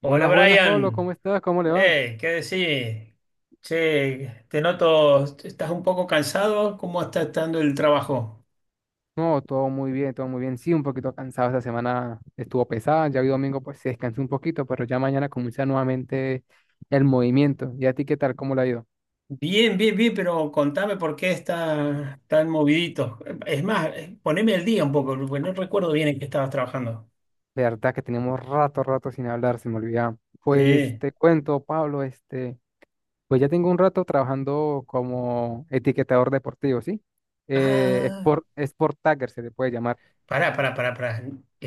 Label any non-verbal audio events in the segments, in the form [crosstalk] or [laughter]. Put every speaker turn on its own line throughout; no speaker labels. Hola
Buenas, buenas, Pablo,
Brian,
¿cómo estás? ¿Cómo le va?
¿qué decís? Che, te noto, estás un poco cansado, ¿cómo está estando el trabajo?
No, todo muy bien, todo muy bien. Sí, un poquito cansado esta semana, estuvo pesada, ya hoy domingo pues se descansó un poquito, pero ya mañana comienza nuevamente el movimiento. ¿Y a ti qué tal? ¿Cómo le ha ido?
Bien, bien, bien, pero contame por qué estás tan movidito. Es más, poneme al día un poco, porque no recuerdo bien en qué estabas trabajando.
De verdad que tenemos rato, rato sin hablar, se me olvidaba. Pues
Sí.
te cuento, Pablo, este, pues ya tengo un rato trabajando como etiquetador deportivo, ¿sí? Eh,
Ah,
sport, sport tagger se le puede llamar.
pará, pará, pará, pará.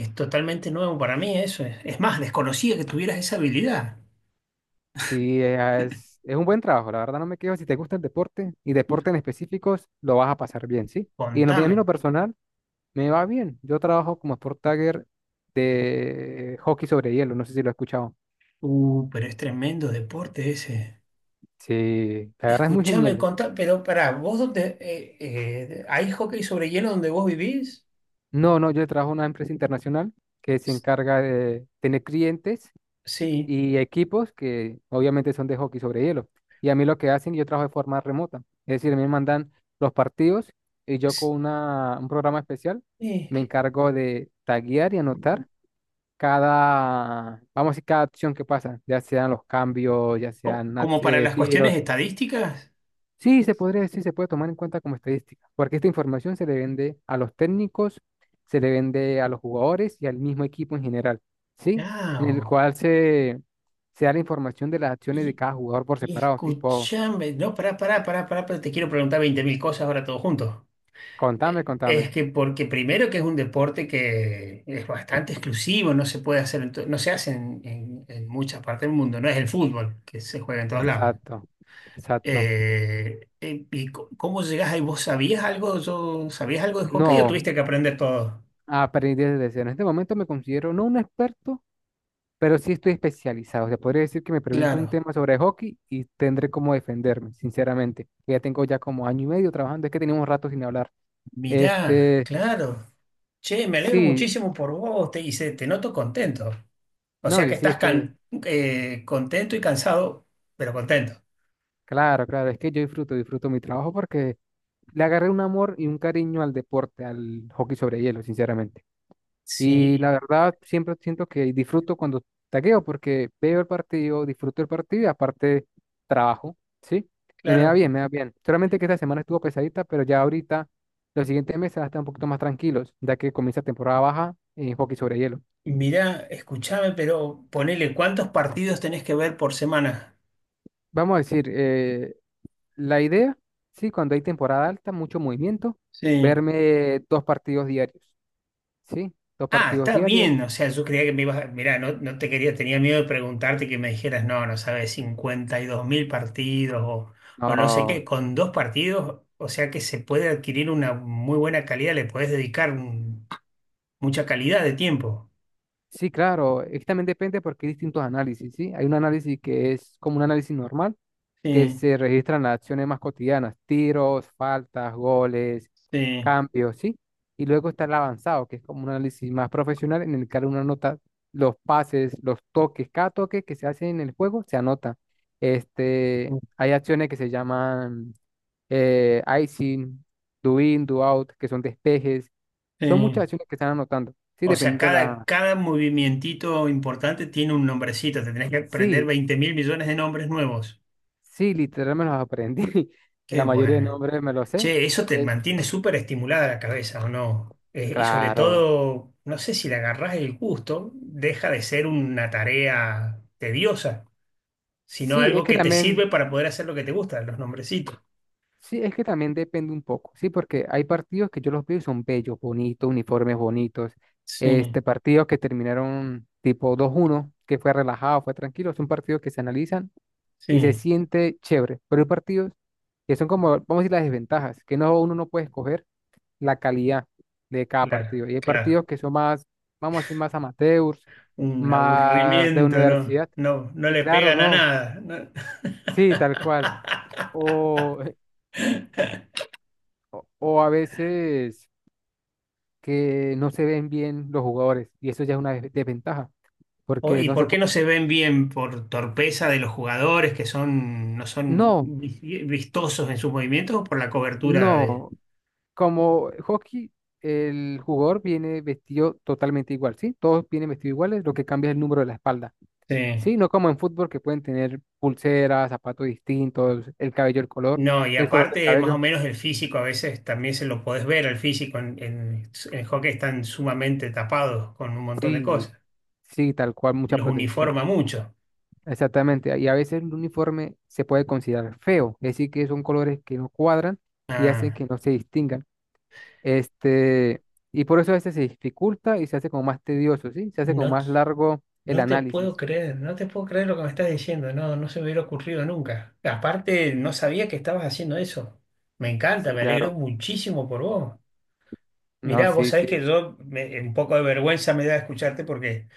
Es totalmente nuevo para mí eso. Es más, desconocía que tuvieras esa habilidad.
Sí, ah, es un buen trabajo, la verdad no me quejo. Si te gusta el deporte y deporte en específicos, lo vas a pasar bien, ¿sí? A mí en
Contame.
lo personal, me va bien. Yo trabajo como sport tagger de hockey sobre hielo, no sé si lo he escuchado.
Pero es tremendo deporte ese.
Sí, la verdad es muy
Escuchame,
genial.
contá, pero pará, ¿vos dónde? ¿Hay hockey sobre hielo donde vos vivís?
No, no, yo trabajo en una empresa internacional que se
S-
encarga de tener clientes
Sí,
y equipos que obviamente son de hockey sobre hielo. Y a mí lo que hacen, yo trabajo de forma remota. Es decir, a mí me mandan los partidos y yo con
S-
un programa especial
sí.
me encargo de taguear y anotar cada, vamos a decir, cada acción que pasa, ya sean los cambios, ya sean
¿Como para las cuestiones
tiros.
estadísticas?
Sí, se podría decir, se puede tomar en cuenta como estadística, porque esta información se le vende a los técnicos, se le vende a los jugadores y al mismo equipo en general, ¿sí?
Ah,
En el
o-
cual se da la información de las acciones de
y,
cada jugador por
y
separado, tipo,
escuchame, no, pará, pará, pará, pará, pero te quiero preguntar 20.000 cosas ahora todo junto.
contame,
Es
contame.
que porque primero que es un deporte que es bastante exclusivo, no se puede hacer, no se hace en, en muchas partes del mundo, no es el fútbol que se juega en todos lados.
Exacto, exacto.
¿Y cómo llegás ahí? ¿Vos sabías algo? ¿Yo sabías algo de hockey o
No,
tuviste que aprender todo?
aprendí desde cero. En este momento me considero no un experto, pero sí estoy especializado. O sea, podría decir que me pregunto un
Claro.
tema sobre hockey y tendré cómo defenderme, sinceramente. Que ya tengo ya como año y medio trabajando, es que tenemos rato sin hablar.
Mirá,
Este,
claro. Che, me alegro
sí,
muchísimo por vos, te noto contento. O
no,
sea que
que sí,
estás
es que,
contento y cansado, pero contento.
claro, claro, es que yo disfruto mi trabajo porque le agarré un amor y un cariño al deporte, al hockey sobre hielo, sinceramente. Y
Sí,
la verdad, siempre siento que disfruto cuando tagueo, porque veo el partido, disfruto el partido y aparte trabajo, ¿sí? Y me va
claro.
bien, me va bien. Solamente que esta semana estuvo pesadita, pero ya ahorita, los siguientes meses van a estar un poquito más tranquilos, ya que comienza temporada baja en hockey sobre hielo.
Mirá, escuchame, pero ponele, ¿cuántos partidos tenés que ver por semana?
Vamos a decir, la idea, sí, cuando hay temporada alta, mucho movimiento,
Sí.
verme dos partidos diarios, ¿sí? Dos
Ah,
partidos
está
diarios.
bien, o sea, yo creía que me ibas, mirá, no, no te quería, tenía miedo de preguntarte y que me dijeras, no, no sabes, 52 mil partidos o no sé qué,
No.
con dos partidos, o sea que se puede adquirir una muy buena calidad, le podés dedicar mucha calidad de tiempo.
Sí, claro, es que también depende porque hay distintos análisis, ¿sí? Hay un análisis que es como un análisis normal, que
Sí,
se registran las acciones más cotidianas, tiros, faltas, goles,
sí,
cambios, ¿sí? Y luego está el avanzado, que es como un análisis más profesional en el que uno anota los pases, los toques, cada toque que se hace en el juego se anota. Este, hay acciones que se llaman icing, do in, do out, que son despejes. Son muchas
sí.
acciones que están anotando, ¿sí?
O sea,
Dependiendo
cada,
la...
cada movimientito importante tiene un nombrecito, te tenés que aprender
Sí,
20 mil millones de nombres nuevos.
sí, literal me los aprendí. [laughs] Y
Qué
la mayoría de
bueno.
nombres me los sé.
Che, eso te
Es,
mantiene súper estimulada la cabeza, ¿o no? Y sobre
claro.
todo, no sé si le agarrás el gusto, deja de ser una tarea tediosa, sino
Sí, es
algo
que
que te
también,
sirve para poder hacer lo que te gusta, los nombrecitos.
sí, es que también depende un poco. Sí, porque hay partidos que yo los veo y son bellos, bonitos, uniformes bonitos.
Sí,
Este, partidos que terminaron tipo 2-1, que fue relajado, fue tranquilo. Son partidos que se analizan y se
sí,
siente chévere. Pero hay partidos que son como, vamos a decir, las desventajas, que no, uno no puede escoger la calidad de cada
claro,
partido. Y hay
claro.
partidos que son más, vamos a decir, más amateurs,
Un
más de
aburrimiento, no,
universidad.
no, no
Y
le
claro,
pegan a
no,
nada, ¿no?
sí, tal cual.
[laughs]
O, o a veces que no se ven bien los jugadores y eso ya es una desventaja, porque
¿Y
no se
por qué
puede...
no se ven bien? ¿Por torpeza de los jugadores que son, no son
No,
vistosos en sus movimientos o por la cobertura de?
no, como hockey, el jugador viene vestido totalmente igual, ¿sí? Todos vienen vestidos iguales, lo que cambia es el número de la espalda.
Sí.
Sí, no como en fútbol que pueden tener pulseras, zapatos distintos, el cabello,
No, y
el color del
aparte, más o
cabello.
menos el físico a veces también se lo podés ver, el físico en, en hockey están sumamente tapados con un montón de
Sí,
cosas.
sí, tal cual, mucha
Los
protección.
uniforma mucho.
Exactamente. Y a veces el uniforme se puede considerar feo, es decir, que son colores que no cuadran y hacen
Ah.
que no se distingan. Este, y por eso a veces se dificulta y se hace como más tedioso, ¿sí? Se hace como
No,
más largo el
no te
análisis.
puedo creer, no te puedo creer lo que me estás diciendo, no, no se me hubiera ocurrido nunca. Aparte, no sabía que estabas haciendo eso. Me
Sí,
encanta, me alegro
claro.
muchísimo por vos.
No,
Mirá, vos
sí,
sabés
sí.
que un poco de vergüenza me da escucharte porque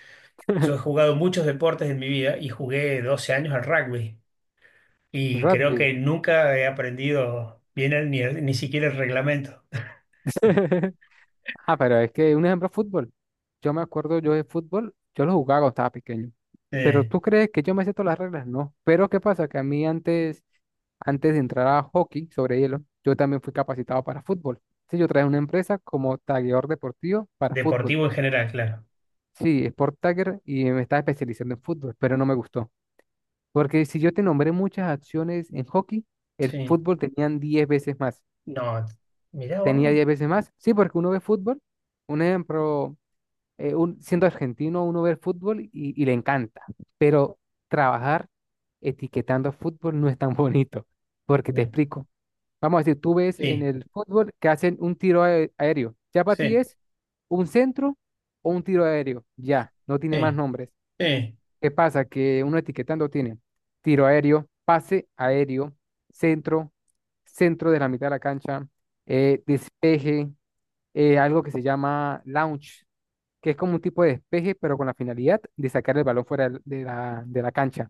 yo he
[laughs]
jugado muchos deportes en mi vida y jugué 12 años al rugby. Y creo que
Rugby.
nunca he aprendido bien ni, siquiera el reglamento
[laughs] Ah, pero es que un ejemplo, fútbol. Yo me acuerdo yo de fútbol, yo lo jugaba cuando estaba pequeño. Pero
eh,
tú crees que yo me sé todas las reglas, no. Pero ¿qué pasa? Que a mí antes de entrar a hockey sobre hielo, yo también fui capacitado para fútbol. Sí, yo traje una empresa como tagueador deportivo para fútbol.
deportivo en general, claro.
Sí, Sport Tagger, y me estaba especializando en fútbol, pero no me gustó. Porque si yo te nombré muchas acciones en hockey, el
Sí,
fútbol tenían 10 veces más.
no, mirá
Tenía
vos.
10 veces más. Sí, porque uno ve fútbol. Un ejemplo. Siendo argentino, uno ve el fútbol y le encanta, pero trabajar etiquetando fútbol no es tan [laughs] bonito, porque te
Me-
explico. Vamos a decir, tú ves en
Sí,
el fútbol que hacen un tiro aéreo. Ya para ti
sí,
es un centro o un tiro aéreo. Ya, no tiene más
sí,
nombres.
sí.
¿Qué pasa? Que uno etiquetando tiene tiro aéreo, pase aéreo, centro, centro de la mitad de la cancha, despeje, algo que se llama launch, que es como un tipo de despeje, pero con la finalidad de sacar el balón fuera de la cancha.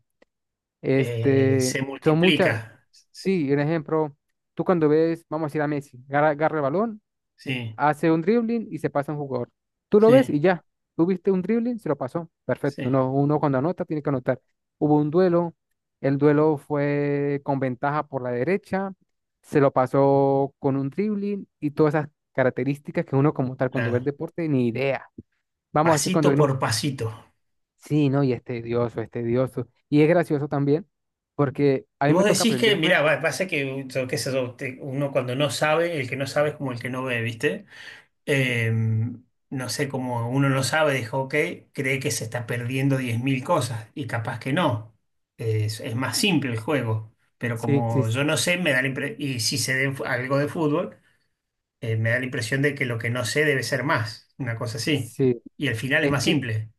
Este,
Se
son muchas,
multiplica.
sí, un ejemplo, tú cuando ves, vamos a decir a Messi, agarra el balón,
Sí,
hace un dribbling y se pasa a un jugador. Tú lo ves
sí,
y ya, tú viste un dribbling, se lo pasó, perfecto.
sí,
Uno cuando anota tiene que anotar. Hubo un duelo, el duelo fue con ventaja por la derecha, se lo pasó con un dribbling y todas esas características que uno como tal cuando ve el
claro.
deporte ni idea. Vamos a decir
Pasito
cuando viene...
por pasito.
Sí, no, y es tedioso, es tedioso. Y es gracioso también, porque a
Y
mí
vos
me toca
decís que,
aprenderme.
mirá, pasa que yo qué sé yo, uno cuando no sabe, el que no sabe es como el que no ve, ¿viste? eh, no sé, como uno no sabe, dijo, ok, cree que se está perdiendo 10.000 cosas y capaz que no. Es más simple el juego, pero
Sí, sí,
como
sí.
yo no sé, me da y si sé de algo de fútbol, me da la impresión de que lo que no sé debe ser más, una cosa así.
Sí.
Y al final es
Es
más
que
simple.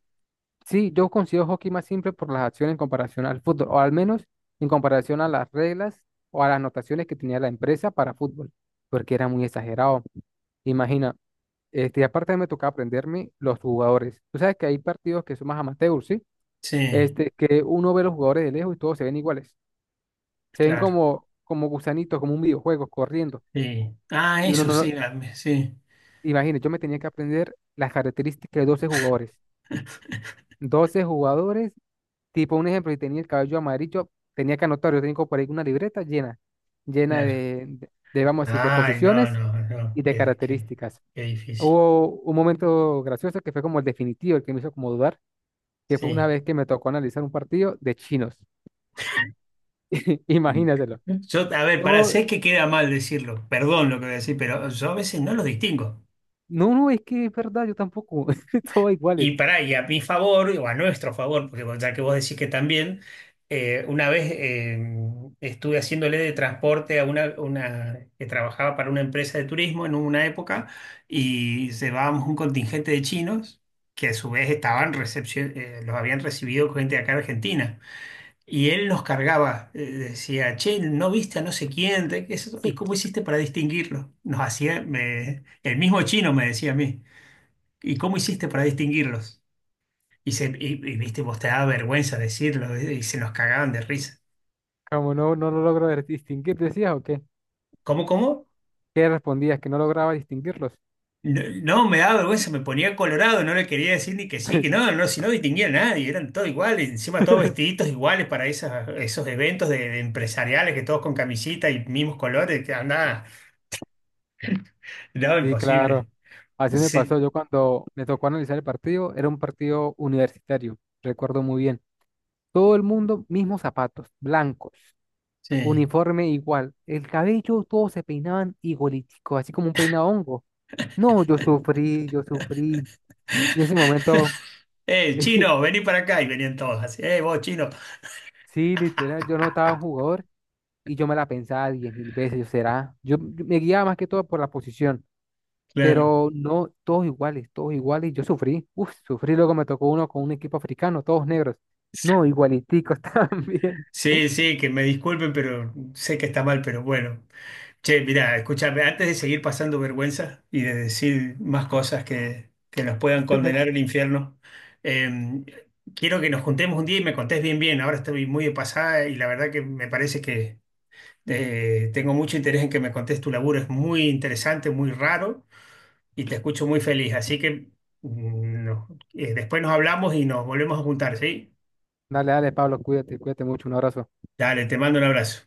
sí, yo considero hockey más simple por las acciones en comparación al fútbol, o al menos en comparación a las reglas o a las anotaciones que tenía la empresa para fútbol, porque era muy exagerado. Imagina, este, aparte me tocaba aprenderme los jugadores. Tú sabes que hay partidos que son más amateurs, ¿sí?
Sí,
Este, que uno ve los jugadores de lejos y todos se ven iguales. Se ven
claro,
como, gusanitos, como un videojuego, corriendo
sí. Ah,
y uno
eso sí,
no...
sí,
Imagínate, yo me tenía que aprender las características de 12 jugadores. 12 jugadores, tipo un ejemplo, si tenía el cabello amarillo, tenía que anotar. Yo tengo por ahí una libreta llena
claro.
de, vamos a decir, de
Ay, no,
posiciones
no,
y
no,
de
qué, qué,
características.
qué difícil.
Hubo un momento gracioso que fue como el definitivo, el que me hizo como dudar, que fue una
Sí.
vez que me tocó analizar un partido de chinos. [laughs] Imagínatelo.
Yo, a ver, para
Todo-
sé que queda mal decirlo, perdón lo que voy a decir, pero yo a veces no los distingo.
no, no, es que es verdad, yo tampoco, [laughs] todos
Y
iguales.
para y a mi favor, o a nuestro favor, porque ya que vos decís que también, una vez estuve haciéndole de transporte a una que trabajaba para una empresa de turismo en una época y llevábamos un contingente de chinos que a su vez estaban los habían recibido gente de acá de Argentina. Y él los cargaba, decía, che, ¿no viste a no sé quién? ¿De qué es eso? ¿Y cómo hiciste para distinguirlo? Nos hacía, el mismo chino me decía a mí, ¿y cómo hiciste para distinguirlos? Y, viste, vos te daba vergüenza decirlo, y se nos cagaban de risa.
Como no, no lo logro distinguir, decías, ok.
¿Cómo, cómo?
¿Qué respondías? Que no lograba distinguirlos.
No, no, me daba vergüenza, me ponía colorado, no le quería decir ni que sí, que no, no, si no distinguía a nadie, eran todos iguales, encima todos
[laughs]
vestiditos iguales para esas, esos eventos de empresariales, que todos con camisita y mismos colores, que andaba, no,
Sí, claro.
imposible.
Así me
Sí,
pasó. Yo cuando me tocó analizar el partido, era un partido universitario, recuerdo muy bien. Todo el mundo, mismos zapatos, blancos,
sí.
uniforme igual. El cabello, todos se peinaban igualitico, así como un peinado hongo. No, yo sufrí, yo sufrí. Y en ese momento,
[laughs]
[laughs]
Chino, vení para acá y venían todos así. Vos, chino.
sí, literal, yo notaba un jugador y yo me la pensaba 10.000 veces, yo será. Yo me guiaba más que todo por la posición.
Claro.
Pero no, todos iguales, todos iguales. Yo sufrí, uff, sufrí, luego me tocó uno con un equipo africano, todos negros. No, igualiticos [laughs] también.
Sí, sí, que me disculpen, pero sé que está mal, pero bueno. Che, mirá, escúchame, antes de seguir pasando vergüenza y de decir más cosas que nos puedan condenar al infierno, eh, quiero que nos juntemos un día y me contés bien, bien. Ahora estoy muy de pasada y la verdad que me parece que tengo mucho interés en que me contés tu laburo. Es muy interesante, muy raro y te escucho muy feliz. Así que mm, no. Después nos hablamos y nos volvemos a juntar, ¿sí?
Dale, dale, Pablo, cuídate, cuídate mucho, un abrazo.
Dale, te mando un abrazo.